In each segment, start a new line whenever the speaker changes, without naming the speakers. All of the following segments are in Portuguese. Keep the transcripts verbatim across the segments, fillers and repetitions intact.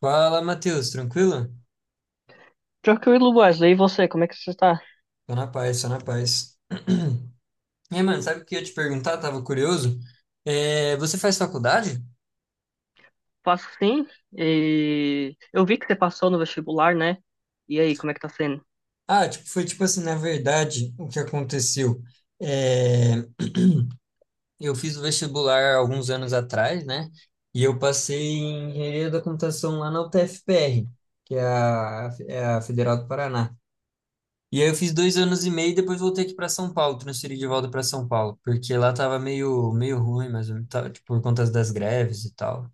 Fala, Matheus, tranquilo?
Tranquilo, Wesley. E você, como é que você está?
Tô na paz, tô na paz. E aí, mano, sabe o que eu ia te perguntar? Tava curioso. É, você faz faculdade?
Faço sim. E eu vi que você passou no vestibular, né? E aí, como é que tá sendo?
Ah, tipo, foi tipo assim, na verdade, o que aconteceu? É, eu fiz o vestibular alguns anos atrás, né? E eu passei em engenharia da computação lá na U T F P R, que é a, é a Federal do Paraná. E aí eu fiz dois anos e meio e depois voltei aqui para São Paulo, transferi de volta para São Paulo, porque lá tava meio, meio ruim, mas tava, tipo, por conta das greves e tal.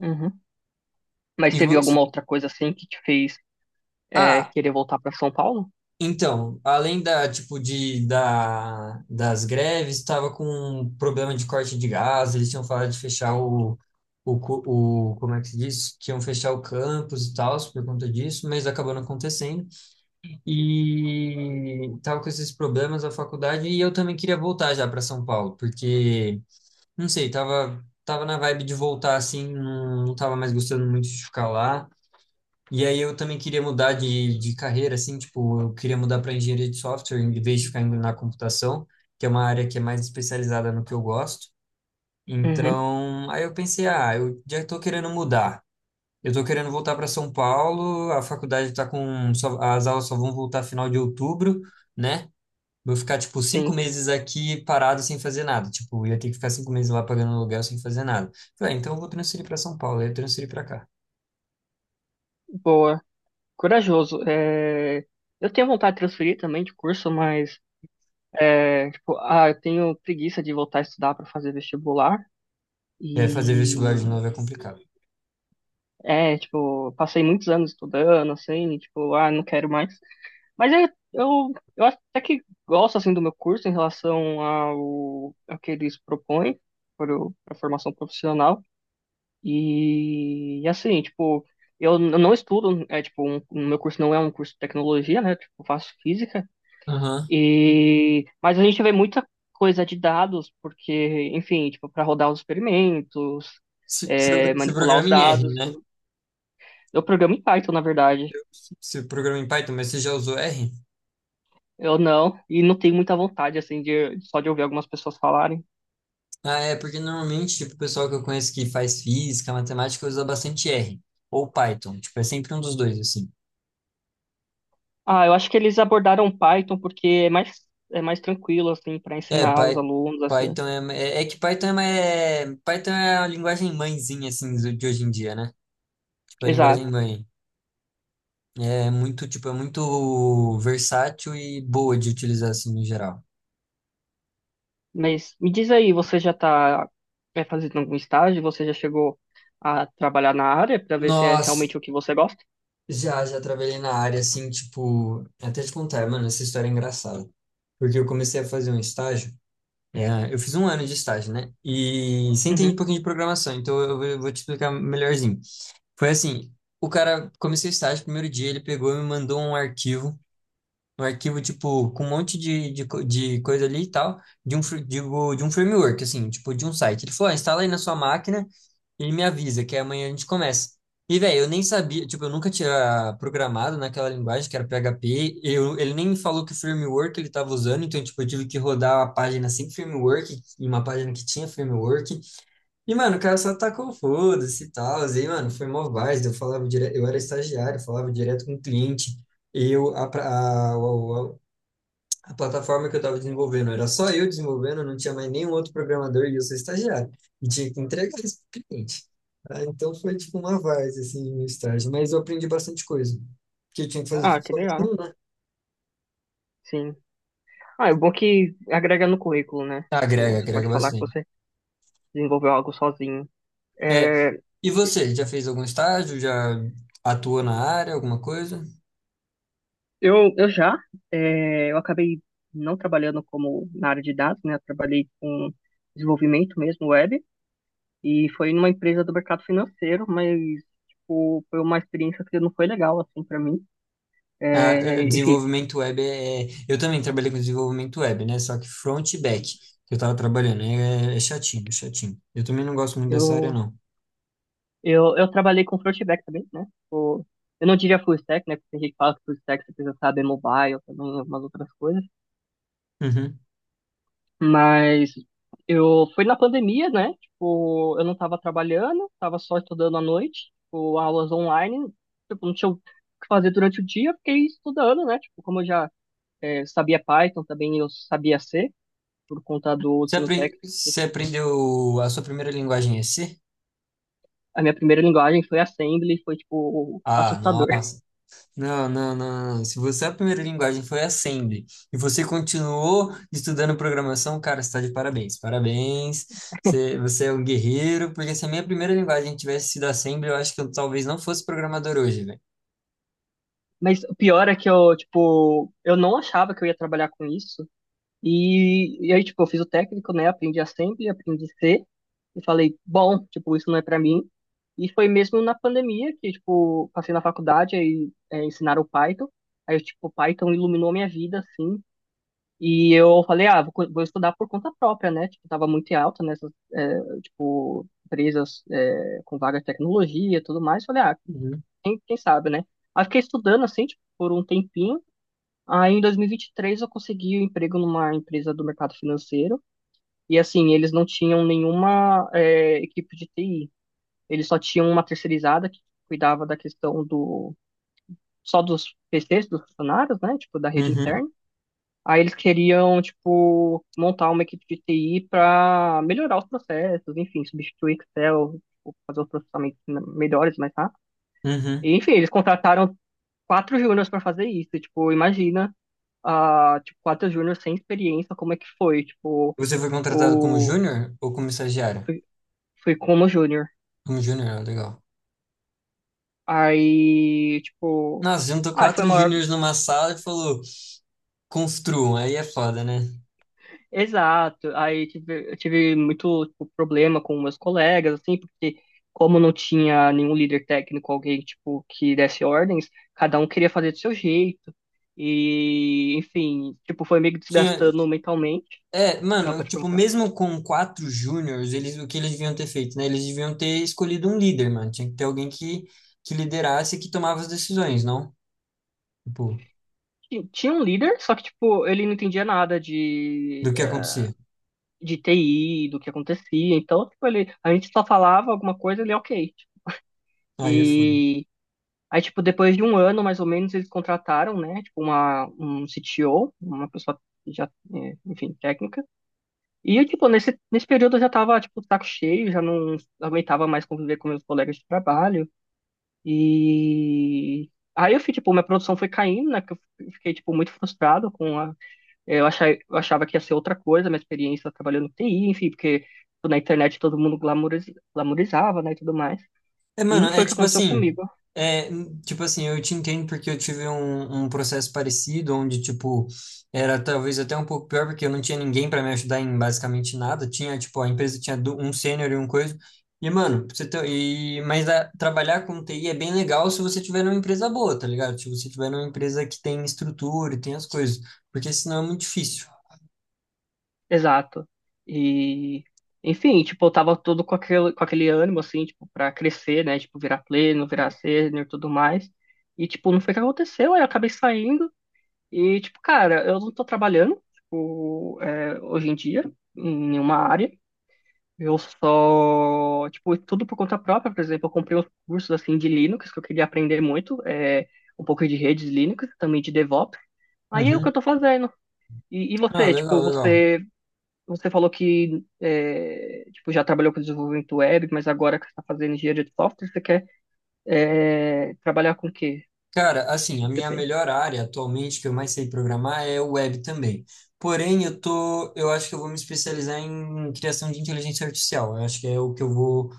Uhum. Mas
E
teve
vo-
alguma outra coisa assim que te fez é,
Ah,
querer voltar para São Paulo?
então, além da, tipo, de, da, das greves, tava com um problema de corte de gás, eles tinham falado de fechar o, o, cu- o, como é que se diz? Que iam fechar o campus e tal, por conta disso, mas acabou não acontecendo. E tava com esses problemas a faculdade e eu também queria voltar já para São Paulo, porque não sei, tava, tava na vibe de voltar assim, não, não tava mais gostando muito de ficar lá. E aí eu também queria mudar de, de carreira, assim, tipo, eu queria mudar para engenharia de software em vez de ficar indo na computação, que é uma área que é mais especializada no que eu gosto.
Uhum.
Então, aí eu pensei, ah, eu já tô querendo mudar. Eu tô querendo voltar para São Paulo, a faculdade tá com, só- as aulas só vão voltar final de outubro, né? Vou ficar, tipo, cinco
Sim.
meses aqui parado sem fazer nada. Tipo, eu ia ter que ficar cinco meses lá pagando aluguel sem fazer nada. Falei, ah, então eu vou transferir para São Paulo, aí eu transferi para cá.
Boa. Corajoso. É, Eu tenho vontade de transferir também de curso, mas é, tipo, ah, eu tenho preguiça de voltar a estudar para fazer vestibular.
E aí fazer vestibular de
E
novo é complicado.
é, tipo, passei muitos anos estudando, assim, e, tipo, ah, não quero mais. Mas eu, eu, eu até que gosto assim do meu curso em relação ao, ao que eles propõem para o- para a formação profissional. E, assim, tipo, eu n- não estudo, é tipo, um, o meu curso não é um curso de tecnologia, né? Tipo, eu faço física.
Aham.
E, mas a gente vê muita coisa de dados, porque, enfim, tipo, para rodar os experimentos,
Você você-
é,
você
manipular os
programa em R,
dados,
né?
tudo. Eu programo em Python, na verdade.
Você programa em Python, mas você já usou R?
Eu não, e não tenho muita vontade, assim, de, só de ouvir algumas pessoas falarem.
Ah, é, porque normalmente, tipo, o pessoal que eu conheço que faz física, matemática, usa bastante R. Ou Python. Tipo, é sempre um dos dois, assim.
Ah, eu acho que eles abordaram Python porque é mais, é mais tranquilo, assim, para
É,
ensinar os
Py-
alunos, assim.
Python é, é, é que Python é, ma- é, Python é a linguagem mãezinha, assim, do- de hoje em dia, né? Tipo, a linguagem
Exato.
mãe. É muito, tipo, é muito versátil e boa de utilizar, assim, no geral.
Mas me diz aí, você já está fazendo algum estágio? Você já chegou a trabalhar na área para ver se é
Nós
realmente o que você gosta?
já, já trabalhei na área, assim, tipo... é Até te contar, mano, essa história é engraçada. Porque eu comecei a fazer um estágio. É, eu fiz um ano de estágio, né? E você entende um
Uhum.
pouquinho de programação, então eu vou vou te explicar melhorzinho. Foi assim, o cara comecei o estágio, primeiro dia ele pegou e me mandou um arquivo um arquivo, tipo, com um monte de, de, co- de coisa ali e tal, de um, fr- digo, de um framework, assim, tipo, de um site. Ele falou, ah, instala aí na sua máquina, ele me avisa que amanhã a gente começa. E, velho, eu nem sabia, tipo, eu nunca tinha programado naquela linguagem que era P H P, eu, ele nem me falou que framework ele estava usando, então, tipo, eu tive que rodar uma página sem framework, e uma página que tinha framework, e, mano, o cara só tacou foda-se e tal, e, mano, foi mó várzea, eu falava direto, eu era estagiário, falava direto com o cliente, eu, a, pra- a, a, a plataforma que eu estava desenvolvendo. Era só eu desenvolvendo, não tinha mais nenhum outro programador e eu sou estagiário. E tinha que entregar isso para o cliente. Ah, então foi tipo uma várzea, assim, no estágio. Mas eu aprendi bastante coisa. Porque eu tinha que fazer
Ah,
tudo
que legal.
sozinho, né?
Sim. Ah, é bom que agrega no currículo, né?
Ah,
Tipo,
agrega,
você
agrega
pode falar que
bastante.
você desenvolveu algo sozinho.
É.
É.
E você, já fez algum estágio? Já atuou na área, alguma coisa?
Eu, eu já, é, eu acabei não trabalhando como na área de dados, né? Eu trabalhei com desenvolvimento mesmo, web, e foi numa empresa do mercado financeiro, mas, tipo, foi uma experiência que não foi legal, assim, para mim.
Ah, é,
É, enfim,
desenvolvimento web é... é, eu também trabalhei com desenvolvimento web, né? Só que front e back que eu tava trabalhando. É, é chatinho, é chatinho. Eu também não gosto muito dessa área,
eu,
não.
eu, eu trabalhei com front e back também, né? Tipo, eu não diria full stack, né? Porque tem gente que fala que full stack você precisa saber mobile também, algumas outras coisas.
Uhum.
Mas eu foi na pandemia, né? Tipo, eu não tava trabalhando, tava só estudando à noite, tipo, aulas online, tipo, não tinha o que fazer durante o dia, fiquei estudando, né? Tipo, como eu já é, sabia Python, também eu sabia C, por conta do
Você
ensino
apren-
técnico.
você aprendeu a sua primeira linguagem em E C?
A minha primeira linguagem foi Assembly, foi, tipo,
Ah,
assustador.
nossa. Não, não, não, não. Se você a primeira linguagem foi Assembly e você continuou estudando programação, cara, você está de parabéns. Parabéns. Você, você é um guerreiro, porque se a minha primeira linguagem tivesse sido Assembly, eu acho que eu talvez não fosse programador hoje, velho.
Mas o pior é que eu, tipo, eu não achava que eu ia trabalhar com isso. E, e aí, tipo, eu fiz o técnico, né? Aprendi a assembly, aprendi a ser. E falei, bom, tipo, isso não é pra mim. E foi mesmo na pandemia que, tipo, passei na faculdade, aí é, ensinaram o Python. Aí, tipo, o Python iluminou minha vida, assim. E eu falei, ah, vou, co- vou estudar por conta própria, né? Tipo, tava muito em alta nessas, é, tipo, empresas é, com vaga de tecnologia e tudo mais. Falei, ah,
Uhum.
quem, quem sabe, né? Aí fiquei estudando, assim, tipo, por um tempinho. Aí, em dois mil e vinte e três, eu consegui um emprego numa empresa do mercado financeiro. E, assim, eles não tinham nenhuma, é, equipe de T I. Eles só tinham uma terceirizada que cuidava da questão do... Só dos P Cs, dos funcionários, né? Tipo, da rede
Uhum.
interna. Aí eles queriam, tipo, montar uma equipe de T I para melhorar os processos, enfim, substituir Excel, tipo, fazer os processamentos melhores, mais rápido.
Uhum.
E, enfim, eles contrataram quatro júniors para fazer isso. Tipo, imagina a, tipo, quatro júnior sem experiência, como é que foi? Tipo,
Você foi contratado como
o...
júnior ou como estagiário?
Fui, fui como júnior.
Como júnior, ó, legal.
Aí, tipo...
Nossa, juntou
Ah, foi
quatro
maior...
júniors numa sala e falou, construam, aí é foda, né?
Exato. Aí tive, eu tive muito, tipo, problema com meus colegas, assim, porque como não tinha nenhum líder técnico, alguém, tipo, que desse ordens, cada um queria fazer do seu jeito. E, enfim, tipo, foi meio que
Tinha,
desgastando mentalmente.
É,
Ah,
mano,
pode
tipo,
perguntar.
mesmo com quatro júniors, eles, o que eles deviam ter feito, né? Eles deviam ter escolhido um líder, mano. Tinha que ter alguém que, que liderasse e que tomava as decisões, não? Tipo,
Tinha tinha um líder, só que, tipo, ele não entendia nada de
do que acontecia.
de T I, do que acontecia. Então, tipo, ele, a gente só falava alguma coisa, ele, é ok. tipo.
Aí é foda.
E aí, tipo, depois de um ano, mais ou menos, eles contrataram, né, tipo, uma, um C T O, uma pessoa já, é, enfim, técnica. E, eu, tipo, nesse, nesse período eu já tava, tipo, saco cheio, já não aguentava mais conviver com meus colegas de trabalho. E aí eu fui, tipo, minha produção foi caindo, né, que eu fiquei, tipo, muito frustrado com a é, Eu achava, eu achava que ia ser outra coisa, minha experiência trabalhando no T I, enfim, porque tipo, na internet todo mundo glamouris- glamourizava, né, e tudo mais.
É,
E
mano,
não foi
é
o que
tipo
aconteceu
assim,
comigo.
é, n- tipo assim, eu te entendo porque eu tive um, um processo parecido, onde, tipo, era talvez até um pouco pior, porque eu não tinha ninguém pra me ajudar em basicamente nada, tinha, tipo, a empresa tinha du- um sênior e um coisa, e, mano, pra você ter, e, mas a- trabalhar com T I é bem legal se você tiver numa empresa boa, tá ligado? Se você tiver numa empresa que tem estrutura e tem as coisas, porque senão é muito difícil.
Exato. E, enfim, tipo, eu tava todo com aquele, com aquele ânimo, assim, tipo, pra crescer, né, tipo, virar pleno, virar sênior e tudo mais. E, tipo, não foi o que aconteceu, aí eu acabei saindo e, tipo, cara, eu não tô trabalhando, tipo, é, hoje em dia, em nenhuma área. Eu só, tipo, tudo por conta própria, por exemplo, eu comprei uns cursos assim de Linux que eu queria aprender muito, é, um pouco de redes Linux, também de DevOps. Aí é o que
Uhum.
eu tô fazendo. E, e
Ah,
você,
legal,
tipo,
legal.
você, você falou que é, tipo, já trabalhou com desenvolvimento web, mas agora que você está fazendo engenharia de software, você quer é, trabalhar com o quê?
Cara,
O
assim, a
que que você
minha
pensa?
melhor área atualmente que eu mais sei programar é o web também. Porém, eu tô, eu acho que eu vou me especializar em criação de inteligência artificial. Eu acho que é o que eu vou,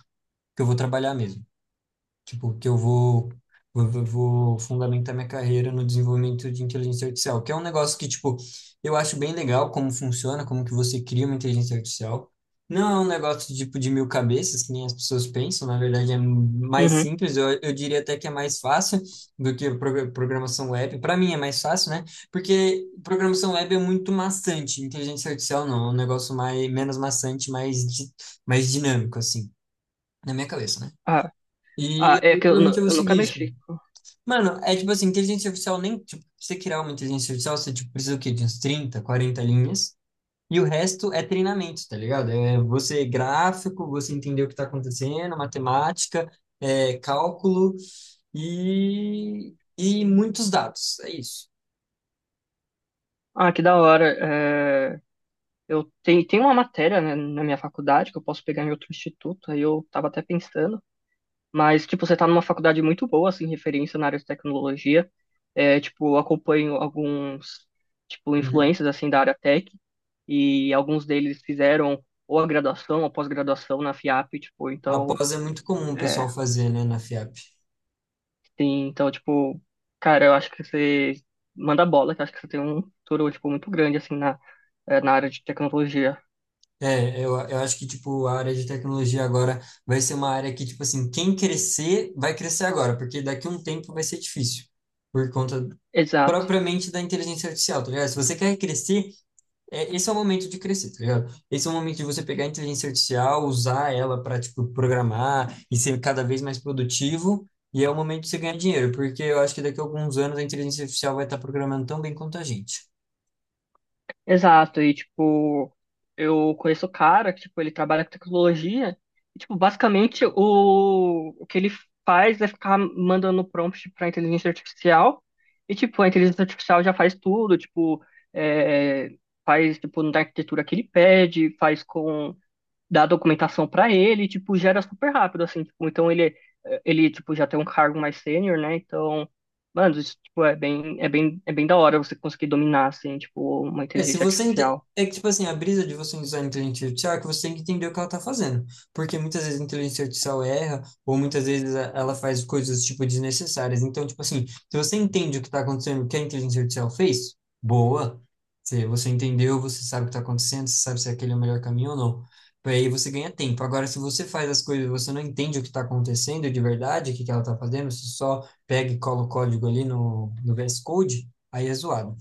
que eu vou trabalhar mesmo. Tipo, que eu vou, vou, vou vou fundamentar minha carreira no desenvolvimento de inteligência artificial, que é um negócio que, tipo, eu acho bem legal como funciona, como que você cria uma inteligência artificial. Não é um negócio, tipo, de mil cabeças, que nem as pessoas pensam, na verdade é mais
Uhum.
simples, eu, eu diria até que é mais fácil do que pro- programação web. Para mim é mais fácil, né? Porque programação web é muito maçante, inteligência artificial não, é um negócio mais, menos maçante, mais, di- mais dinâmico, assim, na minha cabeça, né?
Ah,
E
ah, é
aí,
que eu,
provavelmente
nu-
eu vou
eu nunca
seguir isso.
mexi.
Mano, é tipo assim, inteligência artificial nem, tipo, pra você criar uma inteligência artificial, você, tipo, precisa o quê? De uns trinta, quarenta linhas. E o resto é treinamento, tá ligado? É você gráfico, você entender o que tá acontecendo, matemática, é, cálculo e, e muitos dados. É isso.
Ah, que da hora. Eh, eu tenho, tem uma matéria, né, na minha faculdade que eu posso pegar em outro instituto, aí eu tava até pensando. Mas, tipo, você tá numa faculdade muito boa, assim, referência na área de tecnologia. É, tipo, eu acompanho alguns, tipo,
Uhum.
influencers, assim, da área tech. E alguns deles fizeram ou a graduação ou pós-graduação na FIAP, tipo, então,
Após é muito comum o
é,
pessoal fazer, né, na FIAP.
tem, então, tipo, cara, eu acho que você manda bola, que eu acho que você tem um futuro, tipo, muito grande, assim, na, é, na área de tecnologia.
É, eu, eu acho que, tipo, a área de tecnologia agora vai ser uma área que, tipo assim, quem crescer, vai crescer agora, porque daqui a um tempo vai ser difícil, por conta
Exato.
propriamente da inteligência artificial, tá ligado? Se você quer crescer, é, esse é o momento de crescer, tá ligado? Esse é o momento de você pegar a inteligência artificial, usar ela para, tipo, programar e ser cada vez mais produtivo, e é o momento de você ganhar dinheiro, porque eu acho que daqui a alguns anos a inteligência artificial vai estar programando tão bem quanto a gente.
Exato, e tipo, eu conheço o cara que, tipo, ele trabalha com tecnologia, e, tipo, basicamente o, o que ele faz é ficar mandando prompt para inteligência artificial, e tipo, a inteligência artificial já faz tudo, tipo, é, faz tipo na arquitetura que ele pede, faz com dá a documentação para ele, tipo, gera super rápido, assim, tipo, então ele, ele, tipo, já tem um cargo mais sênior, né, então, mano, isso, tipo, é bem, é bem, é bem da hora você conseguir dominar, assim, tipo, uma
É, se
inteligência
você ente-
artificial.
é que tipo assim, a brisa de você usar a inteligência artificial é que você tem que entender o que ela tá fazendo, porque muitas vezes a inteligência artificial erra ou muitas vezes a- ela faz coisas tipo desnecessárias. Então, tipo assim, se você entende o que tá acontecendo, o que a inteligência artificial fez, boa. Se você entendeu, você sabe o que tá acontecendo, você sabe se aquele é o melhor caminho ou não. Aí você ganha tempo. Agora, se você faz as coisas e você não entende o que está acontecendo de verdade, o que que ela está fazendo, você só pega e cola o código ali no, no V S Code, aí é zoado.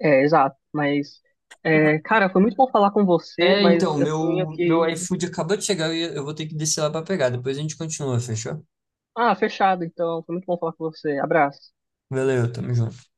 É, exato, mas, é, cara, foi muito bom falar com você,
É, então,
mas eu tenho
meu, meu
que...
iFood acabou de chegar e eu vou ter que descer lá pra pegar. Depois a gente continua, fechou?
Ah, fechado, então, foi muito bom falar com você, abraço.
Valeu, tamo junto.